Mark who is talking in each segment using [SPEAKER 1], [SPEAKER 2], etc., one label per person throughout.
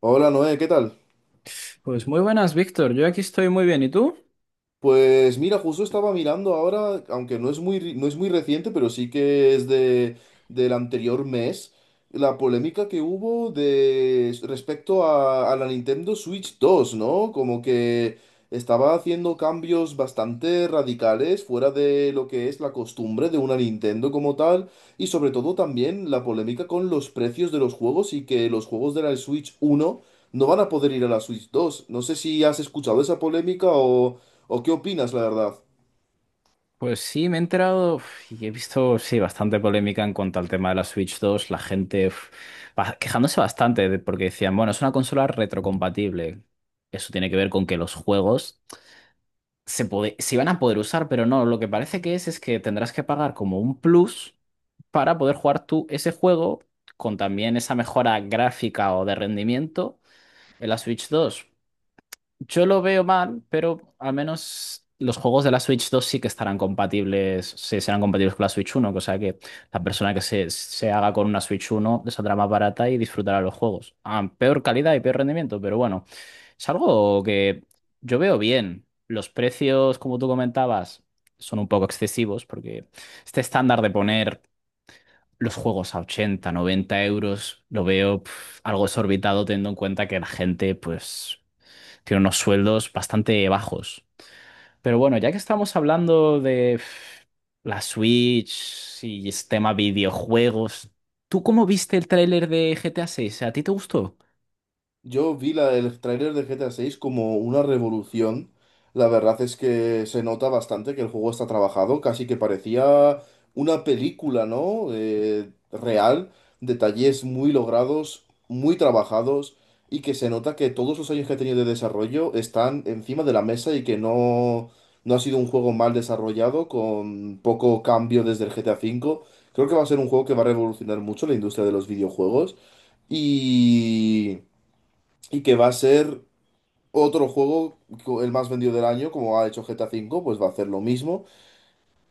[SPEAKER 1] Hola Noé, ¿qué tal?
[SPEAKER 2] Pues muy buenas, Víctor. Yo aquí estoy muy bien. ¿Y tú?
[SPEAKER 1] Pues mira, justo estaba mirando ahora, aunque no es muy, no es muy reciente, pero sí que es de, del anterior mes, la polémica que hubo de, respecto a la Nintendo Switch dos, ¿no? Como que estaba haciendo cambios bastante radicales fuera de lo que es la costumbre de una Nintendo como tal. Y sobre todo también la polémica con los precios de los juegos y que los juegos de la Switch uno no van a poder ir a la Switch dos. No sé si has escuchado esa polémica o qué opinas, la verdad.
[SPEAKER 2] Pues sí, me he enterado y he visto, sí, bastante polémica en cuanto al tema de la Switch 2. La gente quejándose bastante porque decían, bueno, es una consola retrocompatible. Eso tiene que ver con que los juegos se iban a poder usar, pero no. Lo que parece que es que tendrás que pagar como un plus para poder jugar tú ese juego con también esa mejora gráfica o de rendimiento en la Switch 2. Yo lo veo mal, pero al menos los juegos de la Switch 2 sí que estarán compatibles, sí, serán compatibles con la Switch 1, cosa que la persona que se haga con una Switch 1 les saldrá más barata y disfrutará los juegos. A peor calidad y peor rendimiento, pero bueno, es algo que yo veo bien. Los precios, como tú comentabas, son un poco excesivos porque este estándar de poner los juegos a 80, 90 euros, lo veo algo exorbitado teniendo en cuenta que la gente, pues tiene unos sueldos bastante bajos. Pero bueno, ya que estamos hablando de la Switch y este tema videojuegos, ¿tú cómo viste el tráiler de GTA 6? ¿A seis? ¿A ti te gustó?
[SPEAKER 1] Yo vi la, el tráiler de GTA 6 como una revolución. La verdad es que se nota bastante que el juego está trabajado, casi que parecía una película, ¿no? Real, detalles muy logrados, muy trabajados, y que se nota que todos los años que ha tenido de desarrollo están encima de la mesa y que no, no ha sido un juego mal desarrollado con poco cambio desde el GTA V. Creo que va a ser un juego que va a revolucionar mucho la industria de los videojuegos, y y que va a ser otro juego, el más vendido del año, como ha hecho GTA V, pues va a hacer lo mismo.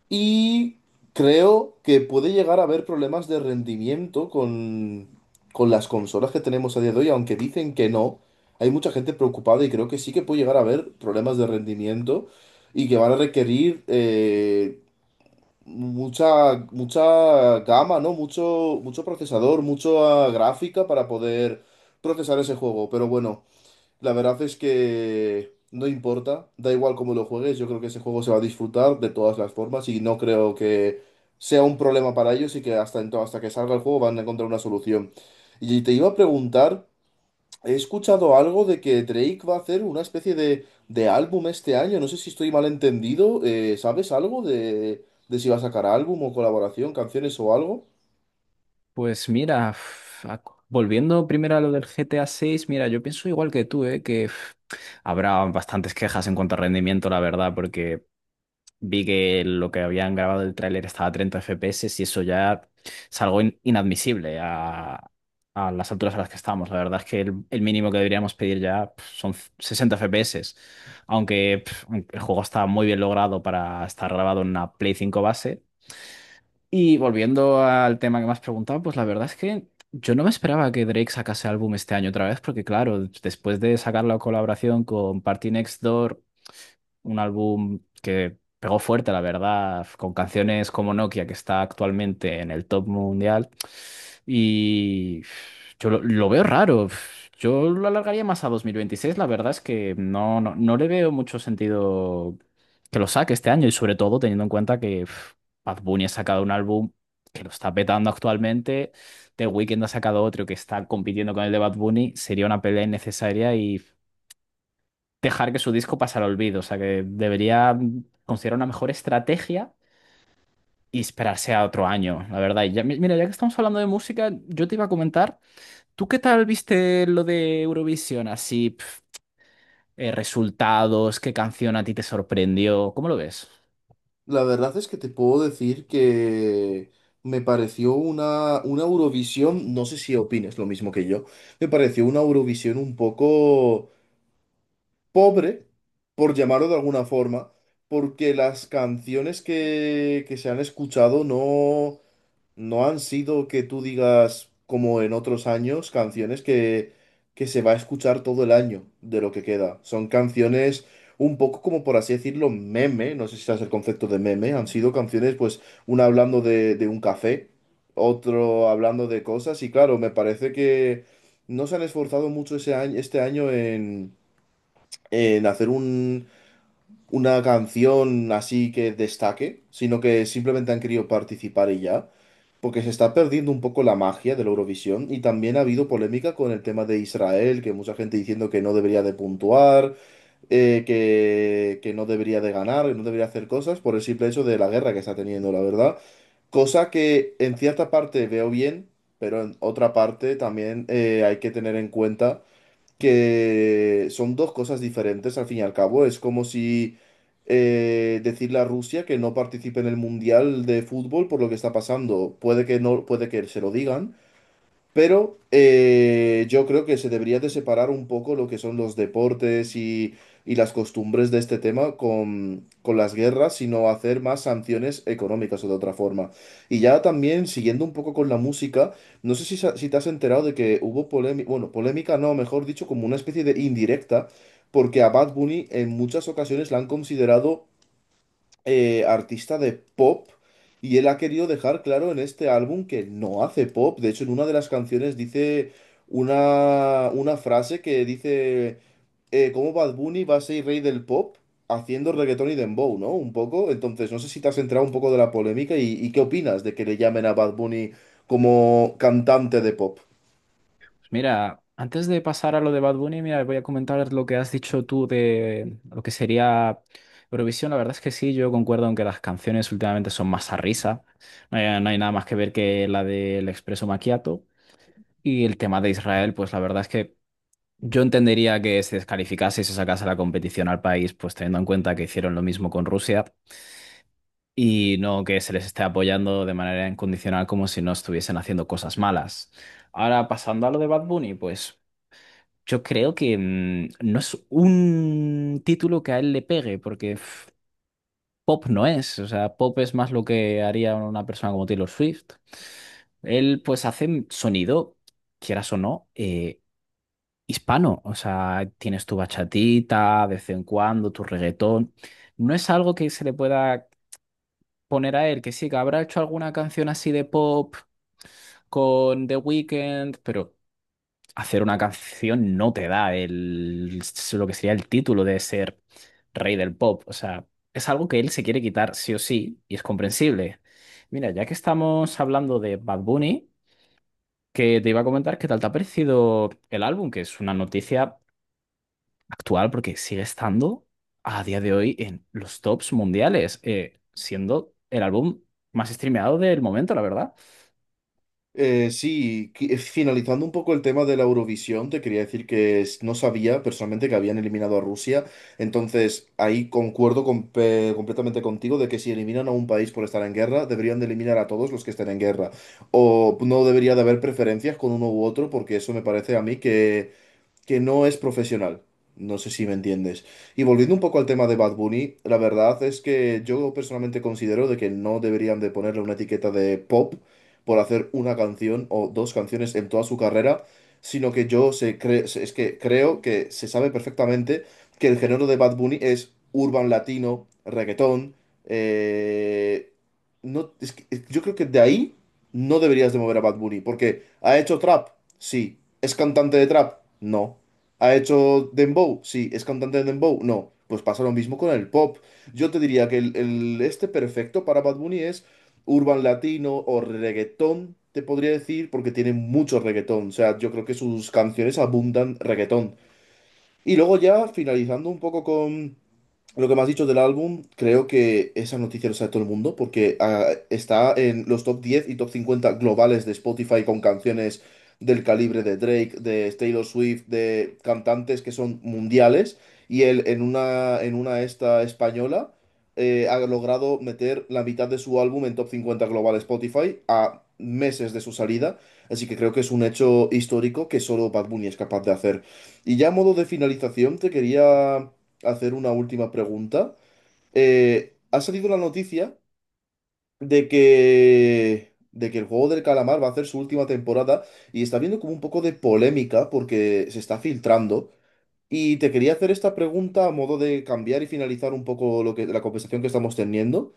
[SPEAKER 1] Y creo que puede llegar a haber problemas de rendimiento con las consolas que tenemos a día de hoy, aunque dicen que no. Hay mucha gente preocupada y creo que sí que puede llegar a haber problemas de rendimiento y que van a requerir mucha, mucha gama, ¿no? Mucho, mucho procesador, mucha gráfica para poder procesar ese juego. Pero bueno. La verdad es que no importa, da igual cómo lo juegues, yo creo que ese juego se va a disfrutar de todas las formas y no creo que sea un problema para ellos y que hasta, hasta que salga el juego van a encontrar una solución. Y te iba a preguntar, he escuchado algo de que Drake va a hacer una especie de álbum este año, no sé si estoy mal entendido, ¿sabes algo de si va a sacar álbum o colaboración, canciones o algo?
[SPEAKER 2] Pues mira, volviendo primero a lo del GTA 6, mira, yo pienso igual que tú, ¿eh? Que habrá bastantes quejas en cuanto a rendimiento, la verdad, porque vi que lo que habían grabado del tráiler estaba a 30 FPS y eso ya es algo inadmisible a las alturas a las que estamos. La verdad es que el mínimo que deberíamos pedir ya son 60 FPS. Aunque el juego está muy bien logrado para estar grabado en una Play 5 base. Y volviendo al tema que me has preguntado, pues la verdad es que yo no me esperaba que Drake sacase álbum este año otra vez, porque claro, después de sacar la colaboración con Party Next Door, un álbum que pegó fuerte, la verdad, con canciones como Nokia, que está actualmente en el top mundial. Y yo lo veo raro. Yo lo alargaría más a 2026. La verdad es que no, no, no le veo mucho sentido que lo saque este año y sobre todo teniendo en cuenta que Bad Bunny ha sacado un álbum que lo está petando actualmente. The Weeknd ha sacado otro que está compitiendo con el de Bad Bunny. Sería una pelea innecesaria y dejar que su disco pasara al olvido. O sea que debería considerar una mejor estrategia y esperarse a otro año, la verdad. Y ya, mira, ya que estamos hablando de música, yo te iba a comentar, ¿tú qué tal viste lo de Eurovisión? Así, resultados, qué canción a ti te sorprendió, ¿cómo lo ves?
[SPEAKER 1] La verdad es que te puedo decir que me pareció una Eurovisión, no sé si opines lo mismo que yo, me pareció una Eurovisión un poco pobre, por llamarlo de alguna forma, porque las canciones que se han escuchado no, no han sido que tú digas, como en otros años, canciones que se va a escuchar todo el año de lo que queda. Son canciones un poco como, por así decirlo, meme, no sé si sabes el concepto de meme, han sido canciones, pues, una hablando de un café, otro hablando de cosas, y claro, me parece que no se han esforzado mucho ese año, este año en hacer un... una canción así que destaque, sino que simplemente han querido participar y ya, porque se está perdiendo un poco la magia de la Eurovisión y también ha habido polémica con el tema de Israel, que mucha gente diciendo que no debería de puntuar, que no debería de ganar, que no debería hacer cosas por el simple hecho de la guerra que está teniendo, la verdad. Cosa que en cierta parte veo bien, pero en otra parte también hay que tener en cuenta que son dos cosas diferentes al fin y al cabo. Es como si decirle a Rusia que no participe en el Mundial de fútbol por lo que está pasando. Puede que no, puede que se lo digan, pero yo creo que se debería de separar un poco lo que son los deportes y las costumbres de este tema con las guerras, sino hacer más sanciones económicas o de otra forma. Y ya también, siguiendo un poco con la música, no sé si, si te has enterado de que hubo polémica, bueno, polémica no, mejor dicho, como una especie de indirecta, porque a Bad Bunny en muchas ocasiones la han considerado artista de pop, y él ha querido dejar claro en este álbum que no hace pop. De hecho, en una de las canciones dice una frase que dice cómo Bad Bunny va a ser rey del pop haciendo reggaetón y dembow, ¿no? Un poco. Entonces, no sé si te has enterado un poco de la polémica y qué opinas de que le llamen a Bad Bunny como cantante de pop.
[SPEAKER 2] Mira, antes de pasar a lo de Bad Bunny, mira, voy a comentar lo que has dicho tú de lo que sería Eurovisión. La verdad es que sí, yo concuerdo en que las canciones últimamente son más a risa. No hay nada más que ver que la del Expreso Macchiato. Y el tema de Israel, pues la verdad es que yo entendería que se descalificase y se sacase la competición al país, pues teniendo en cuenta que hicieron lo mismo con Rusia y no que se les esté apoyando de manera incondicional como si no estuviesen haciendo cosas malas. Ahora, pasando a lo de Bad Bunny, pues. Yo creo que no es un título que a él le pegue, porque pop no es, o sea, pop es más lo que haría una persona como Taylor Swift. Él pues hace sonido, quieras o no, hispano, o sea, tienes tu bachatita de vez en cuando, tu reggaetón. No es algo que se le pueda poner a él, que sí, que habrá hecho alguna canción así de pop con The Weeknd, pero... hacer una canción no te da lo que sería el título de ser rey del pop. O sea, es algo que él se quiere quitar sí o sí y es comprensible. Mira, ya que estamos hablando de Bad Bunny, que te iba a comentar qué tal te ha parecido el álbum, que es una noticia actual porque sigue estando a día de hoy en los tops mundiales, siendo el álbum más streameado del momento, la verdad.
[SPEAKER 1] Sí, finalizando un poco el tema de la Eurovisión, te quería decir que no sabía personalmente que habían eliminado a Rusia, entonces ahí concuerdo completamente contigo de que si eliminan a un país por estar en guerra, deberían de eliminar a todos los que estén en guerra, o no debería de haber preferencias con uno u otro, porque eso me parece a mí que no es profesional. No sé si me entiendes. Y volviendo un poco al tema de Bad Bunny, la verdad es que yo personalmente considero de que no deberían de ponerle una etiqueta de pop por hacer una canción o dos canciones en toda su carrera, sino que yo es que creo que se sabe perfectamente que el género de Bad Bunny es urban latino, reggaetón, eh, no, yo creo que de ahí no deberías de mover a Bad Bunny, porque ¿ha hecho trap? Sí. ¿Es cantante de trap? No. ¿Ha hecho dembow? Sí. ¿Es cantante de dembow? No. Pues pasa lo mismo con el pop. Yo te diría que este perfecto para Bad Bunny es urban latino o reggaetón, te podría decir, porque tiene mucho reggaetón. O sea, yo creo que sus canciones abundan reggaetón. Y luego ya finalizando un poco con lo que me has dicho del álbum, creo que esa noticia lo sabe todo el mundo porque está en los top 10 y top 50 globales de Spotify con canciones del calibre de Drake, de Taylor Swift, de cantantes que son mundiales, y él en una esta española ha logrado meter la mitad de su álbum en top 50 global Spotify a meses de su salida, así que creo que es un hecho histórico que solo Bad Bunny es capaz de hacer. Y ya a modo de finalización, te quería hacer una última pregunta. Ha salido la noticia de que el juego del calamar va a hacer su última temporada y está habiendo como un poco de polémica porque se está filtrando. Y te quería hacer esta pregunta a modo de cambiar y finalizar un poco lo que, la conversación que estamos teniendo.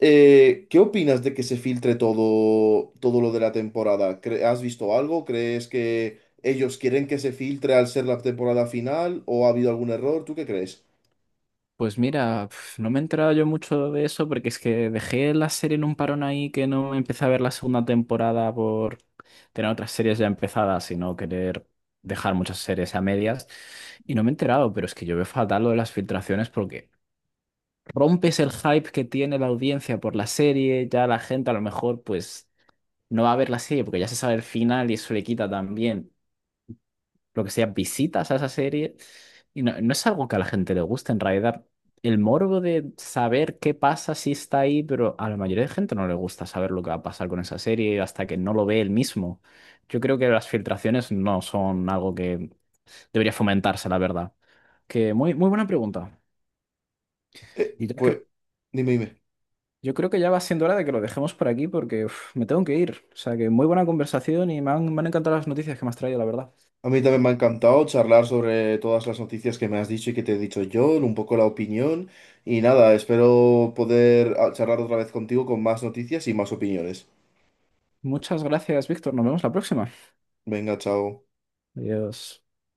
[SPEAKER 1] ¿Qué opinas de que se filtre todo, todo lo de la temporada? Has visto algo? ¿Crees que ellos quieren que se filtre al ser la temporada final o ha habido algún error? ¿Tú qué crees?
[SPEAKER 2] Pues mira, no me he enterado yo mucho de eso porque es que dejé la serie en un parón ahí que no empecé a ver la segunda temporada por tener otras series ya empezadas y no querer dejar muchas series a medias. Y no me he enterado, pero es que yo veo fatal lo de las filtraciones porque rompes el hype que tiene la audiencia por la serie, ya la gente a lo mejor pues no va a ver la serie porque ya se sabe el final y eso le quita también lo que sea, visitas a esa serie. Y no, no es algo que a la gente le guste, en realidad. El morbo de saber qué pasa si está ahí, pero a la mayoría de gente no le gusta saber lo que va a pasar con esa serie hasta que no lo ve él mismo. Yo creo que las filtraciones no son algo que debería fomentarse, la verdad. Que muy, muy buena pregunta. Y ya
[SPEAKER 1] Pues dime, dime.
[SPEAKER 2] yo creo que ya va siendo hora de que lo dejemos por aquí porque me tengo que ir. O sea que muy buena conversación y me han encantado las noticias que me has traído, la verdad.
[SPEAKER 1] A mí también me ha encantado charlar sobre todas las noticias que me has dicho y que te he dicho yo, un poco la opinión y nada, espero poder charlar otra vez contigo con más noticias y más opiniones.
[SPEAKER 2] Muchas gracias, Víctor. Nos vemos la próxima.
[SPEAKER 1] Venga, chao.
[SPEAKER 2] Adiós.